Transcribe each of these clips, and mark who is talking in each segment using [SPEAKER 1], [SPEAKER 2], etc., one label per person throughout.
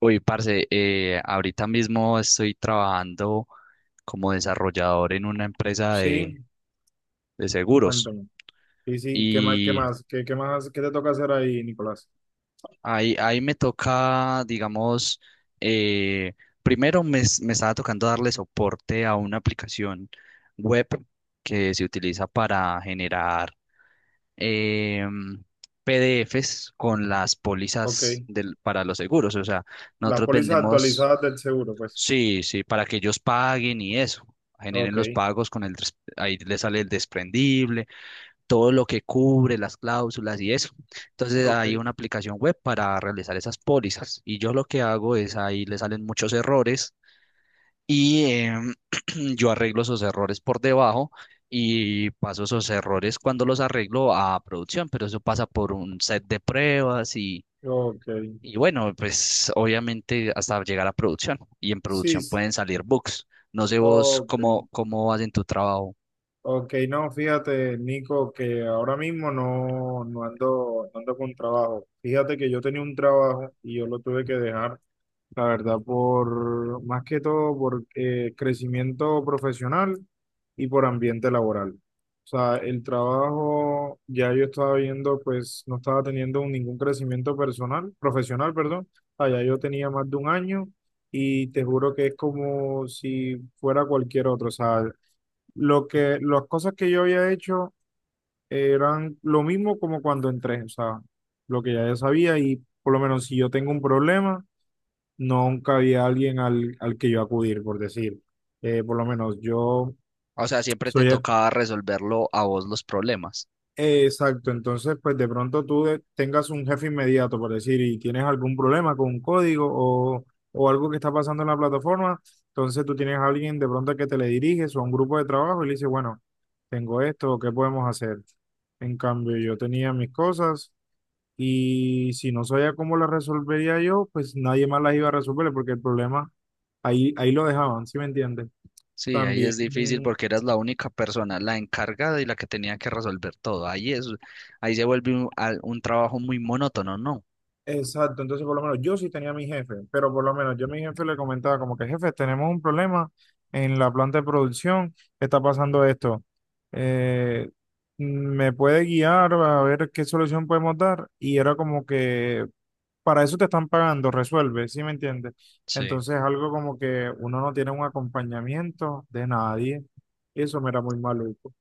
[SPEAKER 1] Ahorita mismo estoy trabajando como desarrollador en una empresa de,
[SPEAKER 2] Sí,
[SPEAKER 1] de seguros
[SPEAKER 2] cuéntame. Sí, sí, ¿qué más,
[SPEAKER 1] y
[SPEAKER 2] qué más, qué te toca hacer ahí, Nicolás?
[SPEAKER 1] ahí me toca, digamos, eh, primero me estaba tocando darle soporte a una aplicación web que se utiliza para generar em, PDFs con las
[SPEAKER 2] Ok.
[SPEAKER 1] pólizas para los seguros. O sea,
[SPEAKER 2] Las
[SPEAKER 1] nosotros
[SPEAKER 2] pólizas
[SPEAKER 1] vendemos.
[SPEAKER 2] actualizadas del seguro, pues.
[SPEAKER 1] Sí, sí, para que ellos paguen y eso, generen
[SPEAKER 2] Ok,
[SPEAKER 1] los pagos con ahí le sale el desprendible, todo lo que cubre, las cláusulas y eso. Entonces
[SPEAKER 2] Ok.
[SPEAKER 1] hay una aplicación web para realizar esas pólizas y yo lo que hago es ahí le salen muchos errores y yo arreglo esos errores por debajo y paso esos errores cuando los arreglo a producción, pero eso pasa por un set de pruebas
[SPEAKER 2] Ok.
[SPEAKER 1] y bueno, pues obviamente hasta llegar a producción. Y en
[SPEAKER 2] Sí,
[SPEAKER 1] producción
[SPEAKER 2] s-
[SPEAKER 1] pueden salir bugs. No sé vos
[SPEAKER 2] ok.
[SPEAKER 1] cómo vas en tu trabajo.
[SPEAKER 2] Ok, no, fíjate, Nico, que ahora mismo no ando, no ando con trabajo. Fíjate que yo tenía un trabajo y yo lo tuve que dejar. La verdad, por más que todo por crecimiento profesional y por ambiente laboral. O sea, el trabajo ya yo estaba viendo, pues no estaba teniendo ningún crecimiento personal, profesional, perdón. Allá yo tenía más de un año y te juro que es como si fuera cualquier otro. O sea, las cosas que yo había hecho eran lo mismo como cuando entré. O sea, lo que ya yo sabía, y por lo menos si yo tengo un problema nunca había alguien al que yo acudir, por decir. Por lo menos yo
[SPEAKER 1] O sea, siempre te
[SPEAKER 2] soy ex-
[SPEAKER 1] tocaba resolverlo a vos los problemas.
[SPEAKER 2] exacto. Entonces pues de pronto tengas un jefe inmediato, por decir, y tienes algún problema con un código, o algo que está pasando en la plataforma, entonces tú tienes a alguien de pronto que te le diriges, o a un grupo de trabajo y le dices, bueno, tengo esto, ¿qué podemos hacer? En cambio, yo tenía mis cosas. Y si no sabía cómo la resolvería yo, pues nadie más las iba a resolver, porque el problema ahí lo dejaban, ¿sí me entiendes?
[SPEAKER 1] Sí, ahí
[SPEAKER 2] También,
[SPEAKER 1] es difícil porque eras la única persona, la encargada y la que tenía que resolver todo. Ahí se vuelve un trabajo muy monótono, ¿no?
[SPEAKER 2] exacto. Entonces por lo menos yo sí tenía a mi jefe, pero por lo menos yo a mi jefe le comentaba como que, jefe, tenemos un problema en la planta de producción, está pasando esto. Eh, ¿Me puede guiar a ver qué solución podemos dar? Y era como que, para eso te están pagando, resuelve, ¿sí me entiendes?
[SPEAKER 1] Sí.
[SPEAKER 2] Entonces, algo como que uno no tiene un acompañamiento de nadie, y eso me era muy maluco.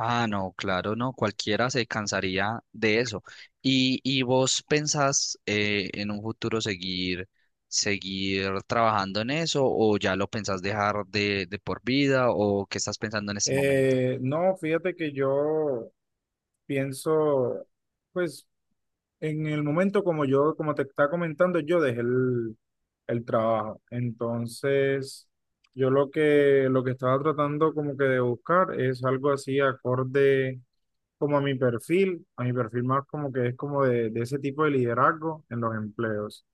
[SPEAKER 1] Ah, no, claro, no, cualquiera se cansaría de eso. ¿Y vos pensás en un futuro seguir trabajando en eso o ya lo pensás dejar de por vida o qué estás pensando en este momento?
[SPEAKER 2] No, fíjate que yo pienso, pues, en el momento, como yo, como te estaba comentando, yo dejé el trabajo. Entonces, lo que estaba tratando como que de buscar es algo así acorde como a mi perfil más como que es como de ese tipo de liderazgo en los empleos.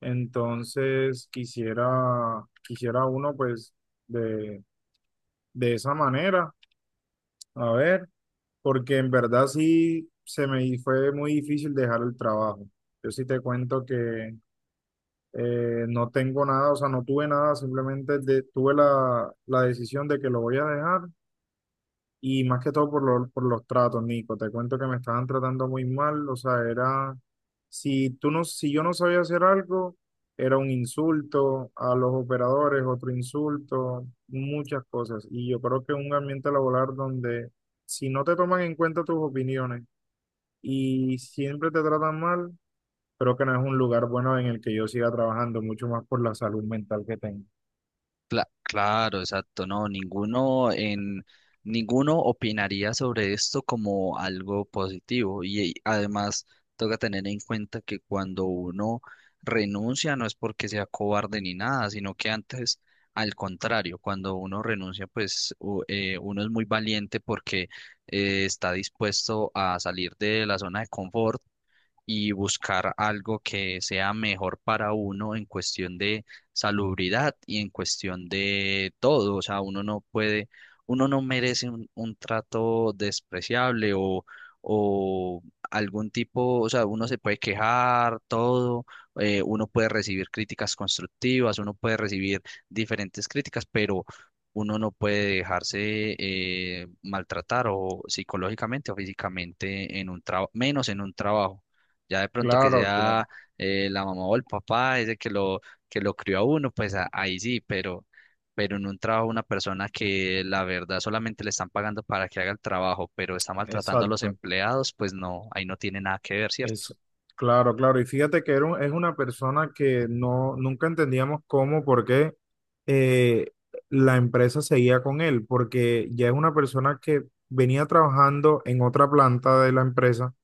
[SPEAKER 2] Entonces quisiera uno pues de, de esa manera, a ver, porque en verdad sí fue muy difícil dejar el trabajo. Yo sí te cuento que no tengo nada, o sea, no tuve nada, simplemente tuve la decisión de que lo voy a dejar. Y más que todo por, por los tratos, Nico. Te cuento que me estaban tratando muy mal. O sea, era, si yo no sabía hacer algo, era un insulto a los operadores, otro insulto, muchas cosas. Y yo creo que un ambiente laboral donde si no te toman en cuenta tus opiniones y siempre te tratan mal, creo que no es un lugar bueno en el que yo siga trabajando, mucho más por la salud mental que tengo.
[SPEAKER 1] Cla- claro, exacto, no, ninguno en ninguno opinaría sobre esto como algo positivo y además toca tener en cuenta que cuando uno renuncia no es porque sea cobarde ni nada, sino que antes al contrario, cuando uno renuncia pues uno es muy valiente porque está dispuesto a salir de la zona de confort y buscar algo que sea mejor para uno en cuestión de salubridad y en cuestión de todo. O sea, uno no puede, uno no merece un trato despreciable o algún tipo. O sea, uno se puede quejar, todo, uno puede recibir críticas constructivas, uno puede recibir diferentes críticas, pero uno no puede dejarse maltratar o psicológicamente o físicamente en un trabajo, menos en un trabajo. Ya de pronto que
[SPEAKER 2] Claro, claro,
[SPEAKER 1] sea la mamá o el papá, ese que lo crió a uno, pues a- ahí sí, pero en un trabajo una persona que la verdad solamente le están pagando para que haga el trabajo, pero está maltratando a los
[SPEAKER 2] exacto.
[SPEAKER 1] empleados, pues no, ahí no tiene nada que ver, ¿cierto?
[SPEAKER 2] Es, claro, claro. Y fíjate que era es una persona que no, nunca entendíamos cómo, por qué eh, la empresa seguía con él, porque ya es una persona que venía trabajando en otra planta de la empresa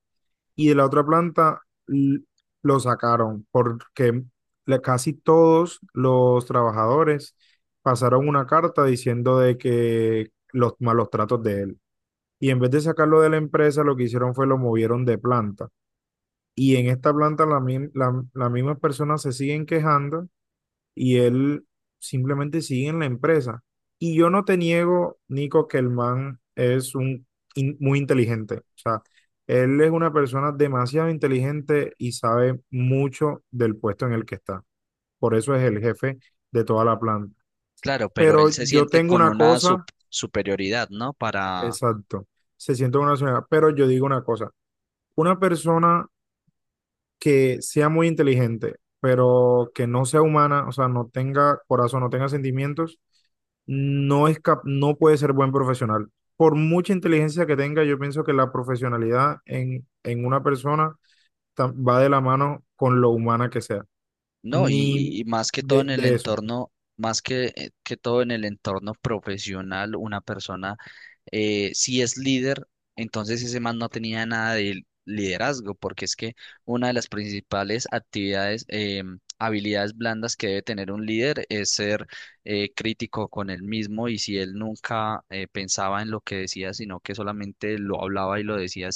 [SPEAKER 2] y de la otra planta l- lo sacaron, porque casi todos los trabajadores pasaron una carta diciendo de que los malos tratos de él. Y en vez de sacarlo de la empresa, lo que hicieron fue lo movieron de planta. Y en esta planta las mismas personas se siguen quejando, y él simplemente sigue en la empresa. Y yo no te niego, Nico, que el man es muy inteligente. O sea, él es una persona demasiado inteligente y sabe mucho del puesto en el que está. Por eso es el jefe de toda la planta.
[SPEAKER 1] Claro, pero
[SPEAKER 2] Pero
[SPEAKER 1] él se
[SPEAKER 2] yo
[SPEAKER 1] siente
[SPEAKER 2] tengo
[SPEAKER 1] con
[SPEAKER 2] una
[SPEAKER 1] una sup-
[SPEAKER 2] cosa,
[SPEAKER 1] superioridad, ¿no? Para,
[SPEAKER 2] exacto, se siente una señora, pero yo digo una cosa, una persona que sea muy inteligente, pero que no sea humana, o sea, no tenga corazón, no tenga sentimientos, no es no puede ser buen profesional. Por mucha inteligencia que tenga, yo pienso que la profesionalidad en una persona va de la mano con lo humana que sea.
[SPEAKER 1] no,
[SPEAKER 2] Ni
[SPEAKER 1] y más que todo
[SPEAKER 2] de,
[SPEAKER 1] en el
[SPEAKER 2] de eso.
[SPEAKER 1] entorno, más que que todo en el entorno profesional, una persona, si es líder, entonces ese man no tenía nada de liderazgo, porque es que una de las principales actividades, habilidades blandas que debe tener un líder es ser crítico con él mismo, y si él nunca pensaba en lo que decía, sino que solamente lo hablaba y lo decía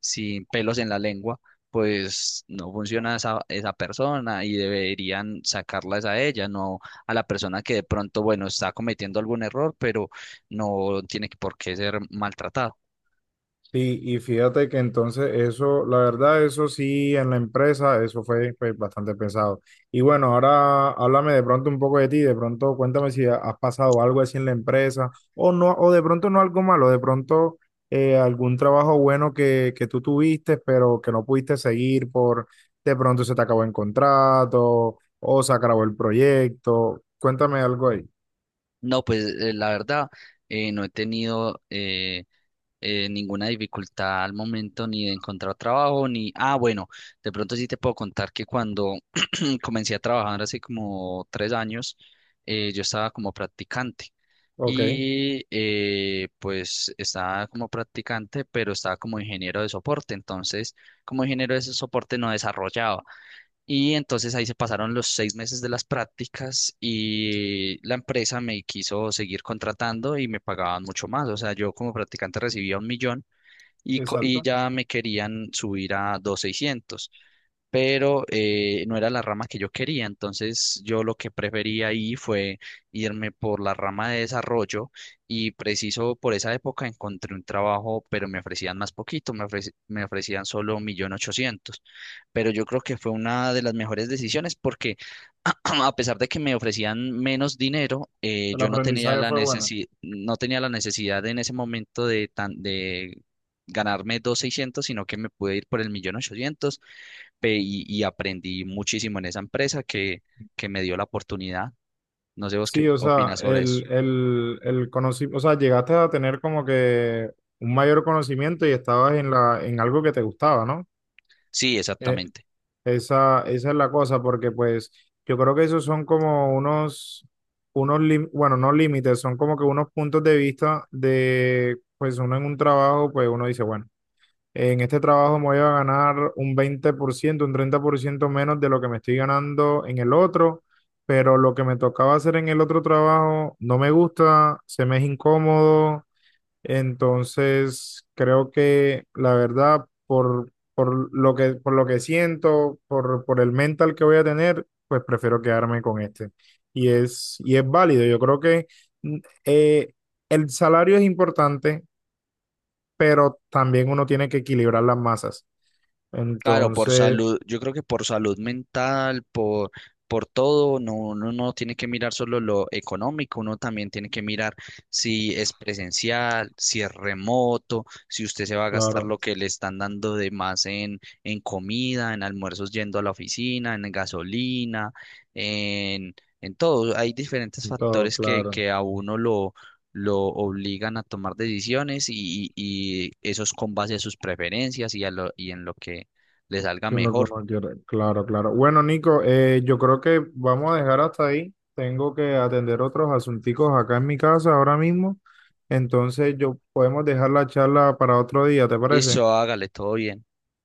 [SPEAKER 1] sin pelos en la lengua, pues no funciona esa persona y deberían sacarlas a ella, no a la persona que de pronto, bueno, está cometiendo algún error, pero no tiene que- por qué ser maltratado.
[SPEAKER 2] Sí, y fíjate que entonces eso, la verdad, eso sí, en la empresa, eso fue pues, bastante pesado. Y bueno, ahora háblame de pronto un poco de ti, de pronto cuéntame si has pasado algo así en la empresa, o no, o de pronto no algo malo, de pronto algún trabajo bueno que tú tuviste, pero que no pudiste seguir por, de pronto se te acabó el contrato, o se acabó el proyecto. Cuéntame algo ahí.
[SPEAKER 1] No, pues la verdad, no he tenido ninguna dificultad al momento ni de encontrar trabajo, ni, ah, bueno, de pronto sí te puedo contar que cuando comencé a trabajar hace como 3 años, yo estaba como practicante.
[SPEAKER 2] Ok,
[SPEAKER 1] Y pues estaba como practicante, pero estaba como ingeniero de soporte. Entonces, como ingeniero de ese soporte no desarrollaba. Y entonces ahí se pasaron los 6 meses de las prácticas y la empresa me quiso seguir contratando y me pagaban mucho más. O sea, yo como practicante recibía 1.000.000 y
[SPEAKER 2] exacto.
[SPEAKER 1] ya me querían subir a dos mil seiscientos, pero no era la rama que yo quería. Entonces yo lo que prefería ahí fue irme por la rama de desarrollo y preciso por esa época encontré un trabajo, pero me ofrecían más poquito, me ofrecían solo 1.800.000, pero yo creo que fue una de las mejores decisiones porque a pesar de que me ofrecían menos dinero,
[SPEAKER 2] El
[SPEAKER 1] yo no tenía
[SPEAKER 2] aprendizaje
[SPEAKER 1] la
[SPEAKER 2] fue bueno.
[SPEAKER 1] no tenía la necesidad en ese momento de tan de ganarme dos mil seiscientos, sino que me pude ir por el 1.800.000. Ve, y aprendí muchísimo en esa empresa que me dio la oportunidad. No sé vos qué
[SPEAKER 2] Sí, o sea,
[SPEAKER 1] opinas sobre eso.
[SPEAKER 2] el conocimiento, o sea, llegaste a tener como que un mayor conocimiento y estabas en en algo que te gustaba, ¿no?
[SPEAKER 1] Sí,
[SPEAKER 2] Eh,
[SPEAKER 1] exactamente.
[SPEAKER 2] esa esa es la cosa, porque pues yo creo que esos son como bueno, no límites, son como que unos puntos de vista de, pues uno en un trabajo, pues uno dice, bueno. En este trabajo me voy a ganar un 20%, un 30% menos de lo que me estoy ganando en el otro, pero lo que me tocaba hacer en el otro trabajo no me gusta, se me es incómodo, entonces creo que la verdad, por, por lo que siento, por el mental que voy a tener, pues prefiero quedarme con este. Y es válido. Yo creo que mm, eh, el salario es importante, pero también uno tiene que equilibrar las masas.
[SPEAKER 1] Claro, por
[SPEAKER 2] Entonces,
[SPEAKER 1] salud, yo creo que por salud mental, por todo, no, uno no tiene que mirar solo lo económico, uno también tiene que mirar si es presencial, si es remoto, si usted se va a gastar
[SPEAKER 2] claro,
[SPEAKER 1] lo que le están dando de más en comida, en almuerzos yendo a la oficina, en gasolina, en, en todo. Hay diferentes
[SPEAKER 2] todo
[SPEAKER 1] factores
[SPEAKER 2] claro.
[SPEAKER 1] que a uno lo obligan a tomar decisiones y eso es con base a sus preferencias y en lo que le salga
[SPEAKER 2] Yo no- yo
[SPEAKER 1] mejor.
[SPEAKER 2] no quiero- Claro, claro. Bueno, Nico, yo creo que vamos a dejar hasta ahí. Tengo que atender otros asunticos acá en mi casa ahora mismo. Entonces, yo podemos dejar la charla para otro día, ¿te parece?
[SPEAKER 1] Listo, hágale todo bien.